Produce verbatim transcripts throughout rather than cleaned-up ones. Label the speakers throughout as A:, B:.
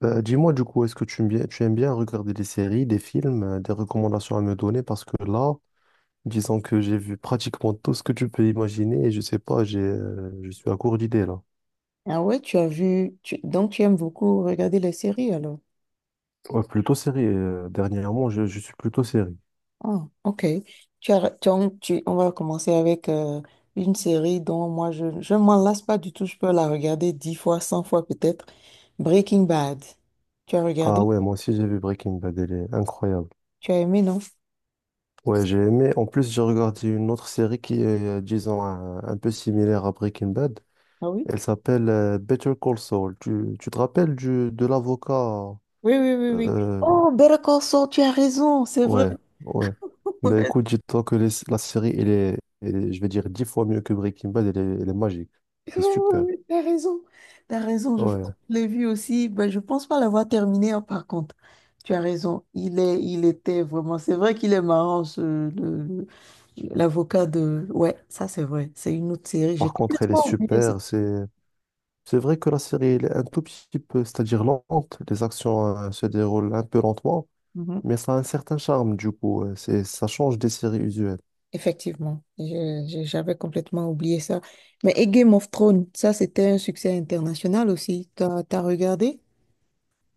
A: Bah, dis-moi du coup, est-ce que tu aimes bien, tu aimes bien regarder des séries, des films, euh, des recommandations à me donner? Parce que là, disons que j'ai vu pratiquement tout ce que tu peux imaginer et je sais pas, j'ai, euh, je suis à court d'idées là.
B: Ah ouais, tu as vu, tu- donc tu aimes beaucoup regarder les séries alors.
A: Ouais, plutôt série. Euh, dernièrement, je, je suis plutôt série.
B: Ah, ok. Tu as, tu en- tu- on va commencer avec euh, une série dont moi je ne m'en lasse pas du tout. Je peux la regarder dix fois, cent fois peut-être. Breaking Bad. Tu as
A: Ah
B: regardé?
A: ouais, moi aussi j'ai vu Breaking Bad, elle est incroyable.
B: Tu as aimé, non?
A: Ouais, j'ai aimé. En plus, j'ai regardé une autre série qui est, euh, disons, un, un peu similaire à Breaking Bad.
B: Ah oui?
A: Elle s'appelle euh, Better Call Saul. Tu, tu te rappelles du, de l'avocat?
B: Oui, oui, oui, oui.
A: euh,
B: Oh, Better Call Saul, tu as raison, c'est vrai.
A: Ouais, ouais. Ben écoute, dis-toi que les- la série, elle est, elle est- je vais dire, dix fois mieux que Breaking Bad, elle est, elle est magique.
B: Ouais,
A: Elle est
B: ouais,
A: super.
B: ouais, ouais, t'as raison, t'as raison. Je, pense
A: Ouais.
B: que je l'ai vu aussi. Ben, je pense pas l'avoir terminé, hein, par contre. Tu as raison. Il est, il était vraiment. C'est vrai qu'il est marrant, ce, le- le- l'avocat de. Ouais, ça c'est vrai. C'est une autre série. J'ai
A: Par contre, elle est
B: complètement oublié ça.
A: super. C'est, c'est vrai que la série, elle est un tout petit peu, c'est-à-dire lente. Les actions, euh, se déroulent un peu lentement,
B: Mhm.
A: mais ça a un certain charme, du coup. Euh, C'est, ça change des séries usuelles.
B: Effectivement, Je- je- j'avais complètement oublié ça. Mais et Game of Thrones, ça c'était un succès international aussi. T'as, t'as regardé?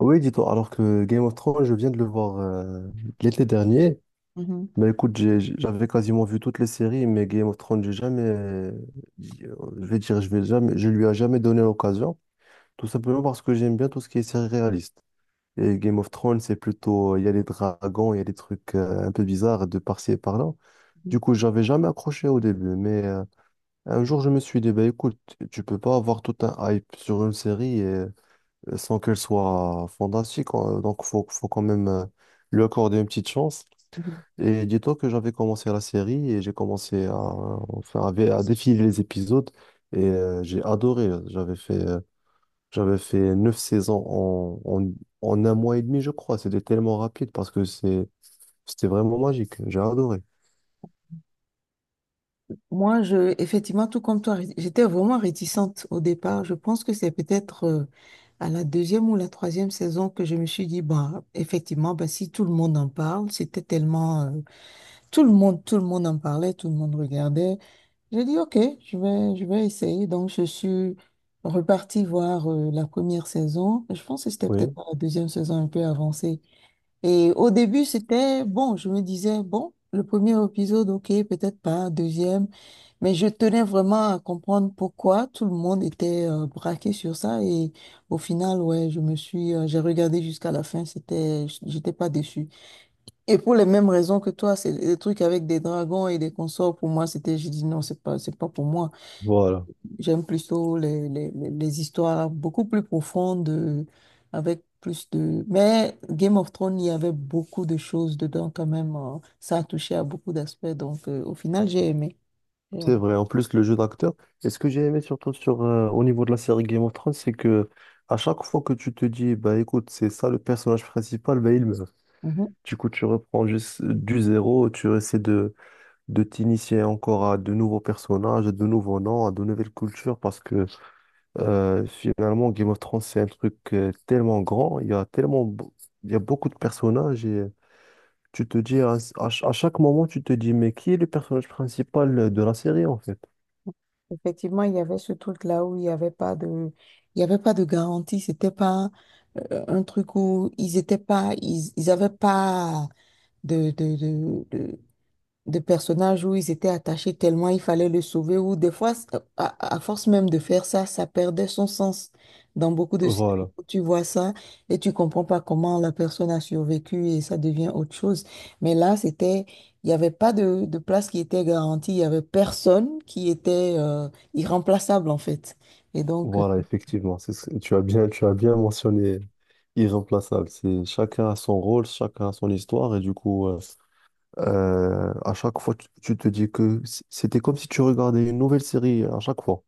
A: Oui, dis-toi, alors que Game of Thrones, je viens de le voir, euh, l'été dernier.
B: Mhm.
A: Bah écoute, j'ai- j'ai- j'avais quasiment vu toutes les séries, mais Game of Thrones, j'ai jamais, j'ai- je vais dire, je vais jamais, je lui ai jamais donné l'occasion, tout simplement parce que j'aime bien tout ce qui est série réaliste. Et Game of Thrones, c'est plutôt, il y a des dragons, il y a des trucs euh, un peu bizarres de par-ci et par-là. Du coup, j'avais jamais accroché au début, mais euh, un jour, je me suis dit, bah écoute, tu peux pas avoir tout un hype sur une série euh, sans qu'elle soit fantastique, euh, donc faut, faut quand même euh, lui accorder une petite chance.
B: Mhm.
A: Et dis-toi que j'avais commencé la série et j'ai commencé à, enfin, à, à défiler les épisodes et euh, j'ai adoré. J'avais fait, euh, j'avais fait neuf saisons en, en, en un mois et demi, je crois. C'était tellement rapide parce que c'est, c'était vraiment magique. J'ai adoré.
B: Moi, je, effectivement, tout comme toi, j'étais vraiment réticente au départ. Je pense que c'est peut-être euh, à la deuxième ou la troisième saison que je me suis dit, bah, effectivement, bah, si tout le monde en parle, c'était tellement, euh, tout le monde, tout le monde en parlait, tout le monde regardait. J'ai dit, OK, je vais, je vais essayer. Donc, je suis repartie voir euh, la première saison. Je pense que c'était peut-être
A: Oui,
B: la deuxième saison un peu avancée. Et au début, c'était bon. Je me disais, bon, le premier épisode, OK, peut-être pas. Deuxième. Mais je tenais vraiment à comprendre pourquoi tout le monde était euh, braqué sur ça et au final, ouais, je me suis, euh, j'ai regardé jusqu'à la fin, c'était, j'étais pas déçu. Et pour les mêmes raisons que toi, c'est des trucs avec des dragons et des consorts, pour moi, c'était, j'ai dit non, c'est pas, c'est pas pour moi.
A: voilà.
B: J'aime plutôt les, les, les les histoires beaucoup plus profondes, euh, avec plus de… Mais Game of Thrones, il y avait beaucoup de choses dedans quand même, euh, ça a touché à beaucoup d'aspects, donc euh, au final, j'ai aimé. J'ai
A: C'est
B: aimé.
A: vrai, en plus le jeu d'acteur. Et ce que j'ai aimé surtout sur, euh, au niveau de la série Game of Thrones, c'est que à chaque fois que tu te dis, bah écoute, c'est ça le personnage principal, bah il meurt.
B: Mhm.
A: Du coup, tu reprends juste du zéro, tu essaies de, de t'initier encore à de nouveaux personnages, à de nouveaux noms, à de nouvelles cultures, parce que euh, finalement, Game of Thrones, c'est un truc euh, tellement grand, il y a tellement, beau- il y a beaucoup de personnages et tu te dis, à à ch- à chaque moment, tu te dis, mais qui est le personnage principal de la série en fait?
B: Effectivement, il y avait ce truc-là où il n'y avait pas de, il y avait pas de garantie. C'était pas euh, un truc où ils étaient pas, ils, ils avaient pas de, de, de, de personnages où ils étaient attachés tellement il fallait le sauver, ou des fois, c- à, à force même de faire ça, ça perdait son sens. Dans beaucoup de séries,
A: Voilà.
B: où tu vois ça et tu comprends pas comment la personne a survécu et ça devient autre chose. Mais là, c'était, il n'y avait pas de, de place qui était garantie, il y avait personne qui était euh, irremplaçable en fait. Et donc, euh,
A: Voilà, effectivement, c'est ce- tu as bien, tu as bien mentionné irremplaçable. C'est chacun a son rôle, chacun a son histoire, et du coup, euh, euh, à chaque fois, tu, tu te dis que c- c'était comme si tu regardais une nouvelle série euh, à chaque fois.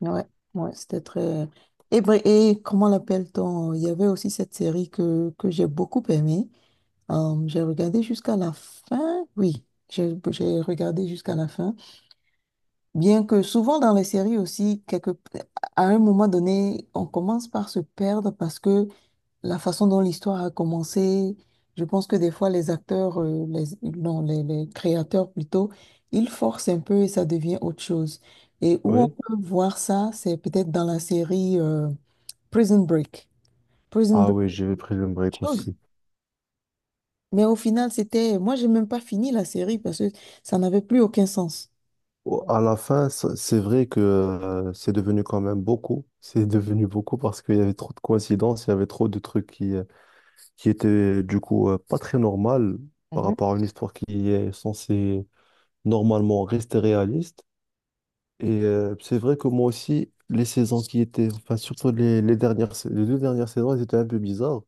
B: ouais, ouais, c'était très… Et, br- et comment l'appelle-t-on? Il y avait aussi cette série que, que j'ai beaucoup aimée. Euh, j'ai regardé jusqu'à la fin, oui, j'ai j'ai regardé jusqu'à la fin. Bien que souvent dans les séries aussi, quelque, à un moment donné, on commence par se perdre parce que la façon dont l'histoire a commencé, je pense que des fois les acteurs, euh, les, non, les, les créateurs plutôt, ils forcent un peu et ça devient autre chose. Et où on
A: Oui.
B: peut voir ça, c'est peut-être dans la série euh, Prison Break. Prison
A: Ah
B: Break,
A: oui, j'ai pris le
B: c'est autre
A: break
B: chose.
A: aussi.
B: Mais au final, c'était… Moi, j'ai même pas fini la série parce que ça n'avait plus aucun sens.
A: Au- À la fin, c- c'est vrai que euh, c'est devenu quand même beaucoup. C'est devenu beaucoup parce qu'il y avait trop de coïncidences, il y avait trop de trucs qui, euh, qui étaient du coup euh, pas très normales par
B: Mhm.
A: rapport à une histoire qui est censée normalement rester réaliste. Et euh, c'est vrai que moi aussi, les saisons qui étaient, enfin surtout les, les dernières, sa- les deux dernières saisons, elles étaient un peu bizarres.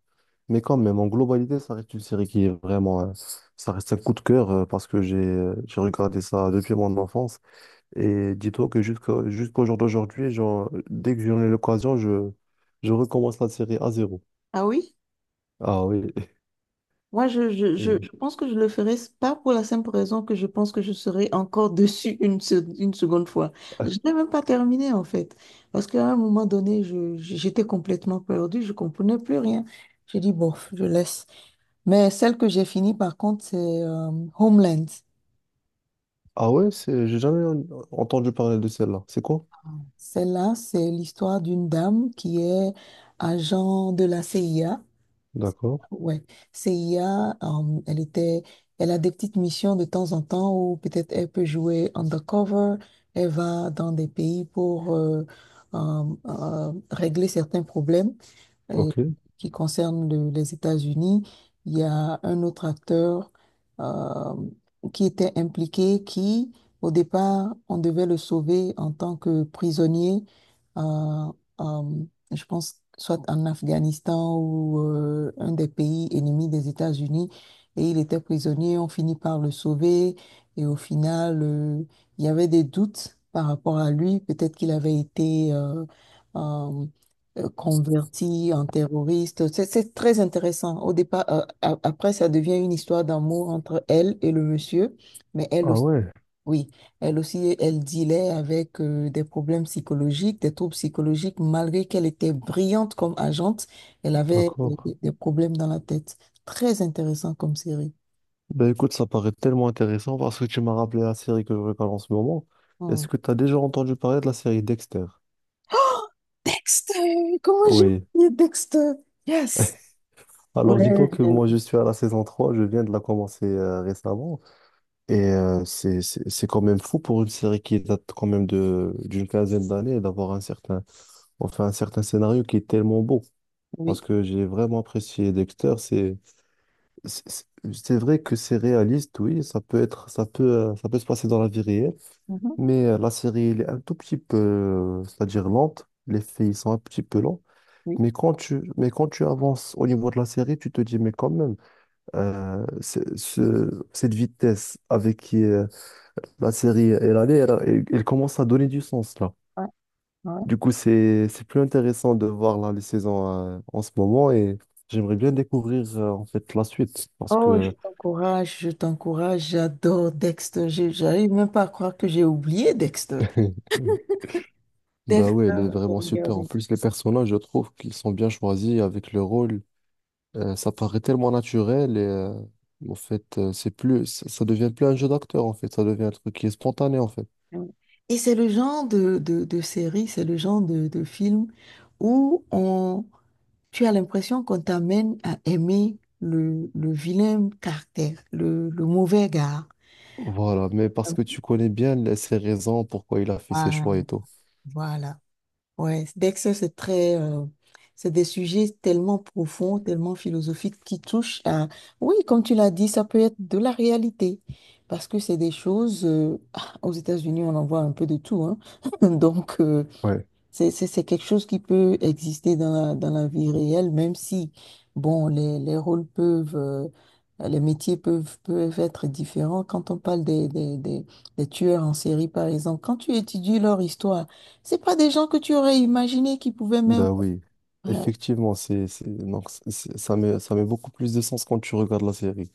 A: Mais quand même, en globalité, ça reste une série qui est vraiment, euh, ça reste un coup de cœur euh, parce que j'ai, euh, j'ai regardé ça depuis mon enfance. Et dis-toi que jusqu'à jusqu'au jour d'aujourd'hui, genre, dès que j'en ai l'occasion, je, je recommence la série à zéro.
B: Ah oui?
A: Ah oui.
B: Moi, je, je, je,
A: Et-
B: je pense que je le ferai s- pas pour la simple raison que je pense que je serai encore dessus une, se- une seconde fois. Je n'ai même pas terminé, en fait. Parce qu'à un moment donné, je, j'étais complètement perdue, je comprenais plus rien. J'ai dit, bon, je laisse. Mais celle que j'ai finie, par contre, c'est euh, Homeland.
A: Ah ouais, c'est, j'ai jamais en- entendu parler de celle-là. C'est quoi?
B: Celle-là, c'est l'histoire d'une dame qui est agent de la C I A.
A: D'accord.
B: Ouais, C I A, euh, elle était, elle a des petites missions de temps en temps où peut-être elle peut jouer undercover, elle va dans des pays pour euh, euh, euh, régler certains problèmes euh,
A: Ok.
B: qui concerne le- les États-Unis. Il y a un autre acteur euh, qui était impliqué, qui, au départ, on devait le sauver en tant que prisonnier, euh, euh, je pense, soit en Afghanistan ou euh, un des pays ennemis des États-Unis. Et il était prisonnier, on finit par le sauver. Et au final, euh, il y avait des doutes par rapport à lui. Peut-être qu'il avait été… euh, euh, euh, converti en terroriste. C'est c'est très intéressant. Au départ, euh, a- après, ça devient une histoire d'amour entre elle et le monsieur, mais elle
A: Ah
B: aussi,
A: ouais,
B: oui, elle aussi, elle dealait avec euh, des problèmes psychologiques, des troubles psychologiques, malgré qu'elle était brillante comme agente, elle avait
A: d'accord.
B: euh, des, des problèmes dans la tête. Très intéressant comme série.
A: Ben écoute, ça paraît tellement intéressant parce que tu m'as rappelé la série que je regarde en ce moment.
B: Hmm.
A: Est-ce que tu as déjà entendu parler de la série Dexter?
B: Oh, Dexter, comment j'ai
A: Oui.
B: oublié Dexter? Yes.
A: Alors dis-toi
B: Ouais,
A: que moi je
B: j'ai-
A: suis à la saison trois. Je viens de la commencer euh, récemment. Et euh, c'est c'est- c'est quand même fou pour une série qui date quand même de d'une quinzaine d'années d'avoir un certain enfin un certain scénario qui est tellement beau.
B: oui.
A: Parce que j'ai vraiment apprécié Dexter. C'est c'est c'est- c'est vrai que c'est réaliste, oui. Ça peut être ça peut euh, ça peut se passer dans la vie réelle,
B: Mhm.
A: mais euh, la série elle est un tout petit peu euh, c'est-à-dire lente. Les faits ils sont un petit peu lents.
B: Oui.
A: Mais quand tu mais quand tu avances au niveau de la série, tu te dis mais quand même euh, c'est- ce- cette vitesse avec qui euh, la série, elle allait, elle, elle- elle commence à donner du sens là.
B: Ouais. Ouais.
A: Du coup, c'est c'est plus intéressant de voir là les saisons euh, en ce moment et j'aimerais bien découvrir euh, en fait la suite parce
B: Oh, je
A: que
B: t'encourage, je t'encourage, j'adore Dexter. Je- J'arrive même pas à croire que j'ai oublié Dexter.
A: bah ouais, elle
B: Dexter,
A: est
B: je vais
A: vraiment super. En
B: regarder.
A: plus, les personnages, je trouve qu'ils sont bien choisis avec le rôle. Euh, ça paraît tellement naturel et euh, en fait, euh, c'est plus ça, ça devient plus un jeu d'acteur en fait, ça devient un truc qui est spontané en fait.
B: Et c'est le genre de, de, de série, c'est le genre de, de film où on, tu as l'impression qu'on t'amène à aimer le, le vilain caractère, le, le mauvais gars.
A: Voilà, mais parce que tu connais bien les- ses raisons, pourquoi il a fait ses
B: Ah,
A: choix et tout.
B: voilà. Ouais, Dexter, c'est très, euh, c'est des sujets tellement profonds, tellement philosophiques qui touchent à, oui, comme tu l'as dit, ça peut être de la réalité, parce que c'est des choses, euh, ah, aux États-Unis, on en voit un peu de tout, hein. Donc, euh,
A: Ouais.
B: c'est, c'est, c'est quelque chose qui peut exister dans la, dans la vie réelle, même si, bon, les, les rôles peuvent, euh, les métiers peuvent, peuvent être différents. Quand on parle des, des, des, des tueurs en série, par exemple, quand tu étudies leur histoire, c'est pas des gens que tu aurais imaginé qui pouvaient même…
A: Bah oui,
B: Ouais,
A: effectivement, c'est, c'est- donc, c'est- c'est- ça met, ça met beaucoup plus de sens quand tu regardes la série.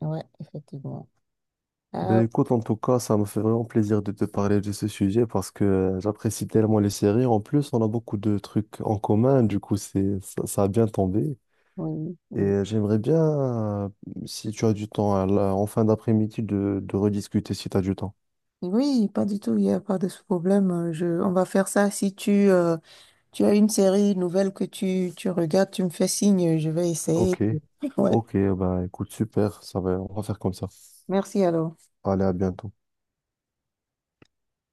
B: ouais, effectivement. Ah
A: Ben écoute, en tout cas, ça me fait vraiment plaisir de te parler de ce sujet parce que euh, j'apprécie tellement les séries. En plus, on a beaucoup de trucs en commun, du coup, c'est, ça, ça a bien tombé.
B: oui.
A: Et
B: Oui,
A: euh, j'aimerais bien, euh, si tu as du temps, à la- en fin d'après-midi, de, de rediscuter si tu as du temps.
B: oui, pas du tout, il n'y a pas de ce problème. Euh, Je, on va faire ça. Si tu, euh, tu as une série nouvelle que tu, tu regardes, tu me fais signe, je vais essayer.
A: Ok.
B: Ouais.
A: Ok, bah écoute, super, ça va, on va faire comme ça.
B: Merci alors.
A: Allez, à bientôt.